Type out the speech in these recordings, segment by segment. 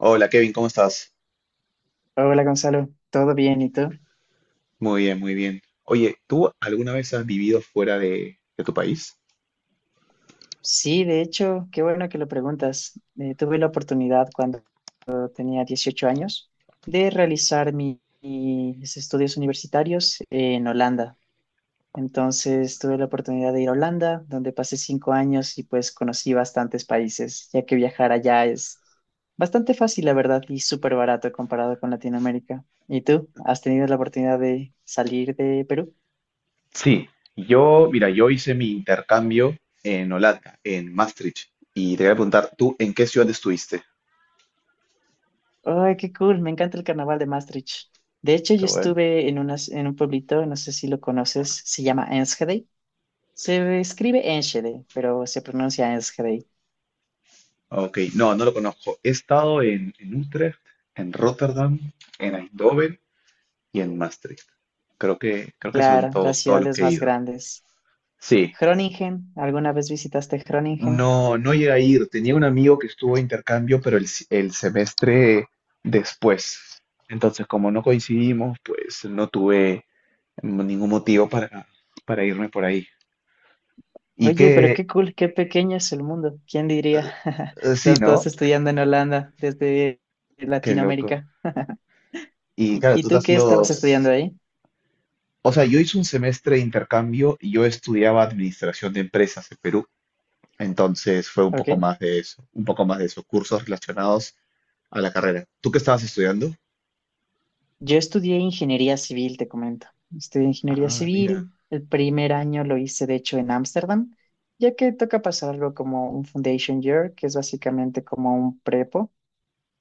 Hola Kevin, ¿cómo estás? Hola Gonzalo, ¿todo bien? ¿Y tú? Muy bien, muy bien. Oye, ¿tú alguna vez has vivido fuera de tu país? Sí, de hecho, qué bueno que lo preguntas. Tuve la oportunidad cuando tenía 18 años de realizar mis estudios universitarios en Holanda. Entonces tuve la oportunidad de ir a Holanda, donde pasé 5 años y pues conocí bastantes países, ya que viajar allá es bastante fácil, la verdad, y súper barato comparado con Latinoamérica. ¿Y tú? ¿Has tenido la oportunidad de salir de Perú? Sí, yo, mira, yo hice mi intercambio en Holanda, en Maastricht, y te voy a preguntar, ¿tú en qué ciudad estuviste? Ay, qué cool, me encanta el carnaval de Maastricht. De hecho, yo Qué bueno. estuve en, en un pueblito, no sé si lo conoces, se llama Enschede. Se escribe Enschede, pero se pronuncia Enschede. Ok, no, no lo conozco. He estado en Utrecht, en Rotterdam, en Eindhoven y en Maastricht. Creo que son Claro, las todos, todos los ciudades que he más ido. grandes. Sí. Groningen, ¿alguna vez visitaste Groningen? No, no llegué a ir. Tenía un amigo que estuvo de intercambio, pero el, si- el semestre después. Entonces, como no coincidimos, pues no tuve ningún motivo para irme por ahí. Y Oye, pero que, qué cool, qué pequeño es el mundo. ¿Quién diría? Sí, Los ¿no? dos estudiando en Holanda desde Qué loco. Latinoamérica. Y ¿Y, claro, y tú te tú has qué ido... estabas estudiando ahí? O sea, yo hice un semestre de intercambio y yo estudiaba administración de empresas en Perú. Entonces fue un ¿Ok? poco más de eso, un poco más de eso, cursos relacionados a la carrera. ¿Tú qué estabas estudiando? Yo estudié ingeniería civil, te comento. Estudié ingeniería Ah, mira. civil. El primer año lo hice, de hecho, en Ámsterdam, ya que toca pasar algo como un foundation year, que es básicamente como un prepo.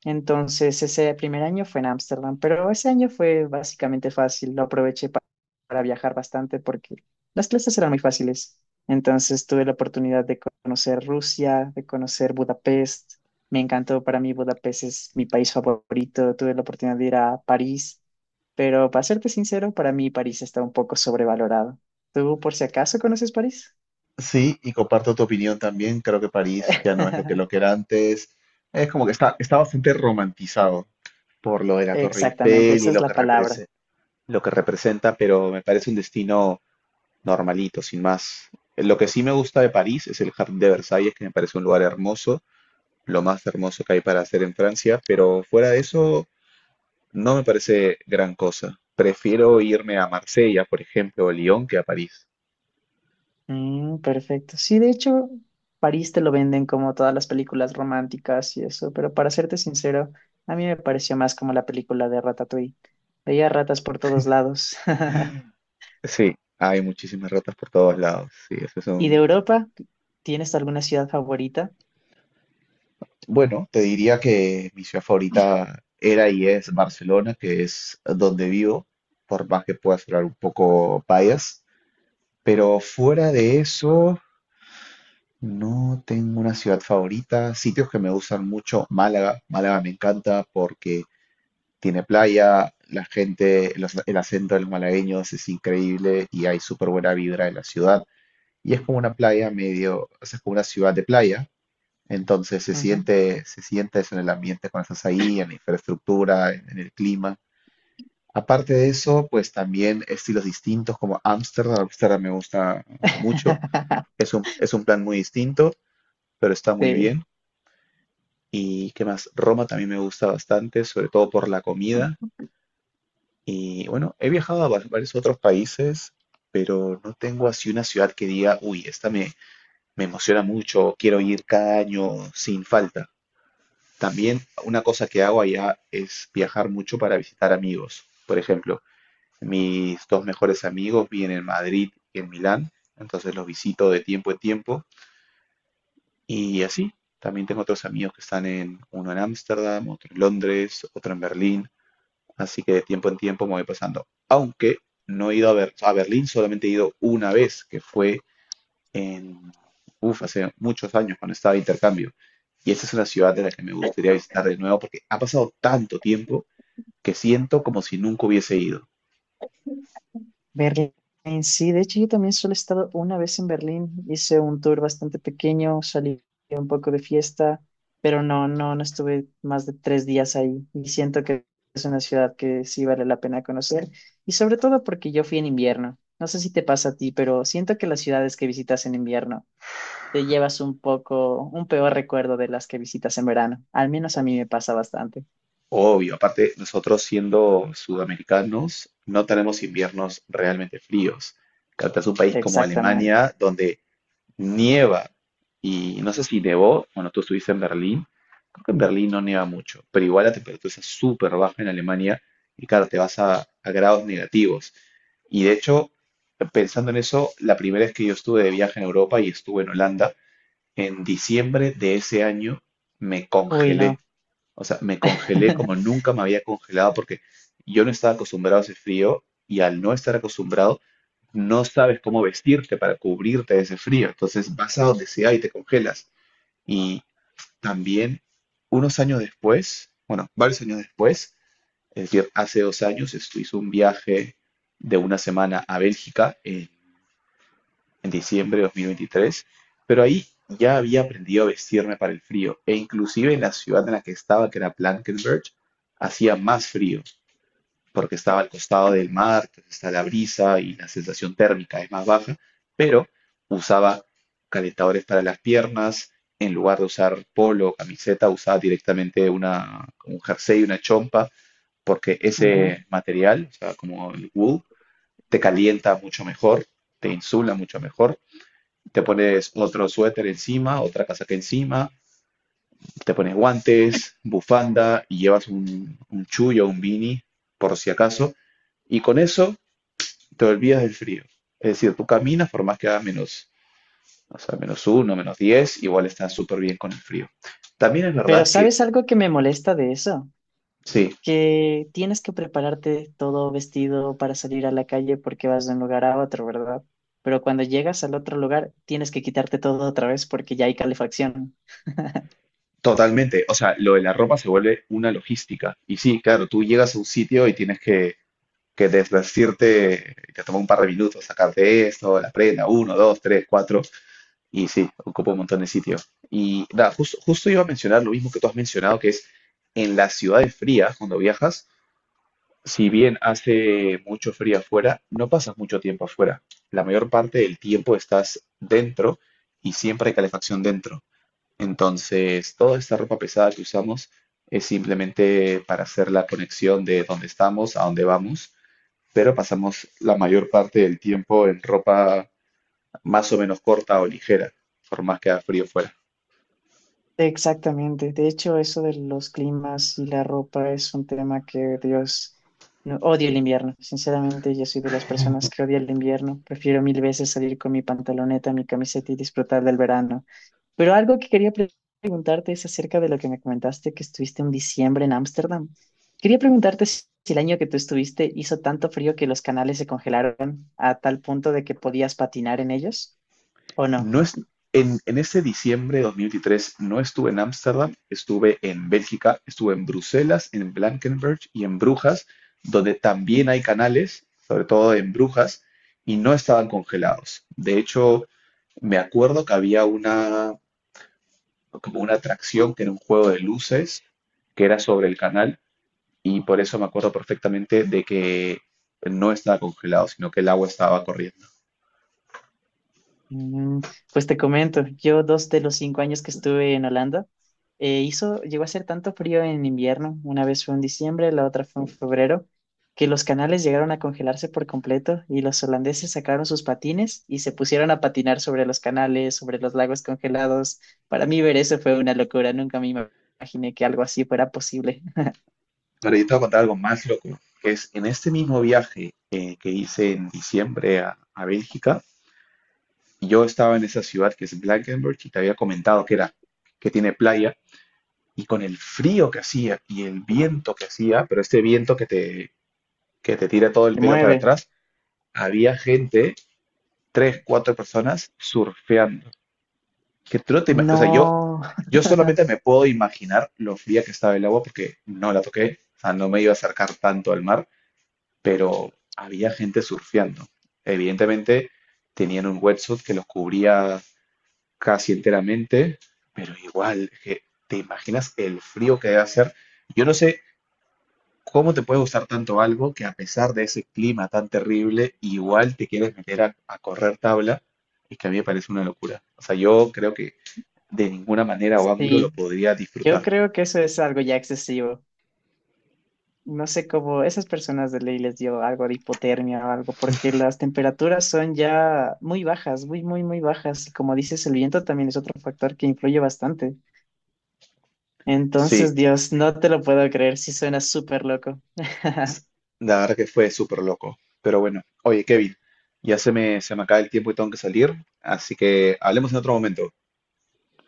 Entonces, ese primer año fue en Ámsterdam, pero ese año fue básicamente fácil. Lo aproveché para viajar bastante porque las clases eran muy fáciles. Entonces, tuve la oportunidad de conocer Rusia, de conocer Budapest. Me encantó, para mí Budapest es mi país favorito. Tuve la oportunidad de ir a París, pero para serte sincero, para mí París está un poco sobrevalorado. ¿Tú por si acaso conoces París? Sí, y comparto tu opinión también. Creo que París ya no es lo que era antes. Es como que está, está bastante romantizado por lo de la Torre Exactamente, Eiffel esa y es lo que la palabra. Lo que representa, pero me parece un destino normalito, sin más. Lo que sí me gusta de París es el Jardín de Versalles, que me parece un lugar hermoso, lo más hermoso que hay para hacer en Francia, pero fuera de eso no me parece gran cosa. Prefiero irme a Marsella, por ejemplo, o Lyon, que a París. Mm, perfecto. Sí, de hecho, París te lo venden como todas las películas románticas y eso, pero para serte sincero, a mí me pareció más como la película de Ratatouille. Veía ratas por todos lados. Sí, hay muchísimas ratas por todos lados. Sí, eso es ¿Y de un... Europa? ¿Tienes alguna ciudad favorita? Bueno, te diría que mi ciudad favorita era y es Barcelona, que es donde vivo, por más que pueda sonar un poco bias. Pero fuera de eso, no tengo una ciudad favorita. Sitios que me gustan mucho, Málaga. Málaga me encanta porque tiene playa, la gente, el acento de los malagueños es increíble y hay súper buena vibra en la ciudad. Y es como una playa medio, o sea, es como una ciudad de playa, entonces Ujú. Se siente eso en el ambiente cuando estás ahí, en la infraestructura, en el clima. Aparte de eso, pues también estilos distintos como Ámsterdam. Ámsterdam me gusta mucho. Es un plan muy distinto, pero está muy Sí. bien. ¿Y qué más? Roma también me gusta bastante, sobre todo por la comida. Y bueno, he viajado a varios otros países, pero no tengo así una ciudad que diga, uy, me emociona mucho, quiero ir cada año sin falta. También una cosa que hago allá es viajar mucho para visitar amigos. Por ejemplo, mis dos mejores amigos viven en Madrid y en Milán, entonces los visito de tiempo en tiempo y así. También tengo otros amigos que están en uno en Ámsterdam, otro en Londres, otro en Berlín, así que de tiempo en tiempo me voy pasando. Aunque no he ido a, a Berlín, solamente he ido una vez, que fue en, uf, hace muchos años cuando estaba de intercambio. Y esta es una ciudad de la que me gustaría visitar de nuevo porque ha pasado tanto tiempo que siento como si nunca hubiese ido. Berlín, sí, de hecho yo también solo he estado una vez en Berlín, hice un tour bastante pequeño, salí un poco de fiesta, pero no estuve más de 3 días ahí y siento que es una ciudad que sí vale la pena conocer y sobre todo porque yo fui en invierno. No sé si te pasa a ti, pero siento que las ciudades que visitas en invierno te llevas un poco, un peor recuerdo de las que visitas en verano. Al menos a O- mí me pasa bastante. Obvio, aparte nosotros siendo sudamericanos no tenemos inviernos realmente fríos. Claro, es un país como Exactamente. Alemania donde nieva. Y no sé si nevó, bueno, tú estuviste en Berlín. Creo que en Berlín no nieva mucho, pero igual la temperatura es súper baja en Alemania y claro, te vas a grados negativos. Y de hecho, pensando en eso, la primera vez que yo estuve de viaje en Europa y estuve en Holanda, en diciembre de ese año me Uy, congelé. no. O sea, me congelé como nunca me había congelado porque yo no estaba acostumbrado a ese frío y al no estar acostumbrado no sabes cómo vestirte para cubrirte de ese frío, entonces vas a donde sea y te congelas. Y también unos años después, bueno, varios años después, es decir, hace dos años, esto hizo un viaje de una semana a Bélgica en diciembre de 2023, pero ahí ya había aprendido a vestirme para el frío e inclusive en la ciudad en la que estaba, que era Blankenberge, hacía más frío porque estaba al costado del mar, está la brisa y la sensación térmica es más baja, pero usaba calentadores para las piernas, en lugar de usar polo o camiseta, usaba directamente una, un jersey, una chompa, porque Ujú. ese material, o sea, como el wool, te calienta mucho mejor, te insula mucho mejor, te pones otro suéter encima, otra casaca encima, te pones guantes, bufanda y llevas un chullo, un beanie, por si acaso, y con eso y te olvidas del frío. Es decir, tú caminas por más que haga menos, o sea, menos uno, menos 10 igual estás súper bien con el frío. También es Pero verdad que, ¿sabes algo que me molesta de eso? sí, Que tienes que prepararte todo vestido para salir a la calle porque vas de un lugar a otro, ¿verdad? Pero cuando llegas al otro lugar, tienes que quitarte todo otra vez porque ya hay calefacción. totalmente. O sea, lo de la ropa se vuelve una logística. Y sí, claro, tú llegas a un sitio y tienes que desvestirte, te toma un par de minutos sacarte esto, la prenda, uno, dos, tres, cuatro, y sí, ocupa un montón de sitio. Y nada, justo, justo iba a mencionar lo mismo que tú has mencionado, que es en las ciudades frías, cuando viajas, si bien hace mucho frío afuera, no pasas mucho tiempo afuera. La mayor parte del tiempo estás dentro y siempre hay calefacción dentro. Entonces, toda esta ropa pesada que usamos es simplemente para hacer la conexión de dónde estamos a dónde vamos, pero pasamos la mayor parte del tiempo en ropa más o menos corta o ligera, por más que haga frío fuera. Exactamente. De hecho, eso de los climas y la ropa es un tema que, Dios, odio el invierno. Sinceramente, yo soy de las personas que odia el invierno. Prefiero mil veces salir con mi pantaloneta, mi camiseta y disfrutar del verano. Pero algo que quería preguntarte es acerca de lo que me comentaste que estuviste en diciembre en Ámsterdam. Quería preguntarte si el año que tú estuviste hizo tanto frío que los canales se congelaron a tal punto de que podías patinar en ellos o no. No es, en ese diciembre de 2023 no estuve en Ámsterdam, estuve en Bélgica, estuve en Bruselas, en Blankenberg y en Brujas, donde también hay canales, sobre todo en Brujas, y no estaban congelados. De hecho, me acuerdo que había una, como una atracción que era un juego de luces que era sobre el canal y por eso me acuerdo perfectamente de que no estaba congelado, sino que el agua estaba corriendo. Mm, pues te comento, yo dos de los 5 años que estuve en Holanda, hizo, llegó a hacer tanto frío en invierno, una vez fue en diciembre, la otra fue en febrero, que los canales llegaron a congelarse por completo y los holandeses sacaron sus patines y se pusieron a patinar sobre los canales, sobre los lagos congelados. Para mí ver eso fue una locura, nunca imaginé que algo así fuera posible. Pero yo te voy a contar algo más loco, que es en este mismo viaje que hice en diciembre a Bélgica, yo estaba en esa ciudad que es Blankenberge y te había comentado que era, que tiene playa, y con el frío que hacía y el viento que hacía, pero este viento que te tira todo el Te pelo para mueve. atrás, había gente, tres, cuatro personas surfeando. Que tú no te o sea, yo, No, yo solamente me puedo imaginar lo fría que estaba el agua porque no la toqué, o sea, no me iba a acercar tanto al mar, pero había gente surfeando. Evidentemente tenían un wetsuit que los cubría casi enteramente, pero igual, ¿te imaginas el frío que debe hacer? Yo no sé cómo te puede gustar tanto algo que, a pesar de ese clima tan terrible, igual te quieres meter a correr tabla y que a mí me parece una locura. O sea, yo creo que de ninguna manera o ángulo lo sí, podría yo disfrutar. creo que eso es algo ya excesivo. No sé cómo esas personas de ley les dio algo de hipotermia o algo, porque las temperaturas son ya muy bajas, muy, muy, muy bajas. Y como dices, el viento también es otro factor que influye bastante. Sí, Entonces, Dios, no te lo puedo creer, sí suena súper loco. la verdad que fue súper loco. Pero bueno, oye, Kevin, ya se se me acaba el tiempo y tengo que salir, así que hablemos en otro momento.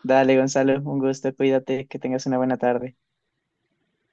Dale, Gonzalo, un gusto, cuídate, que tengas una buena tarde.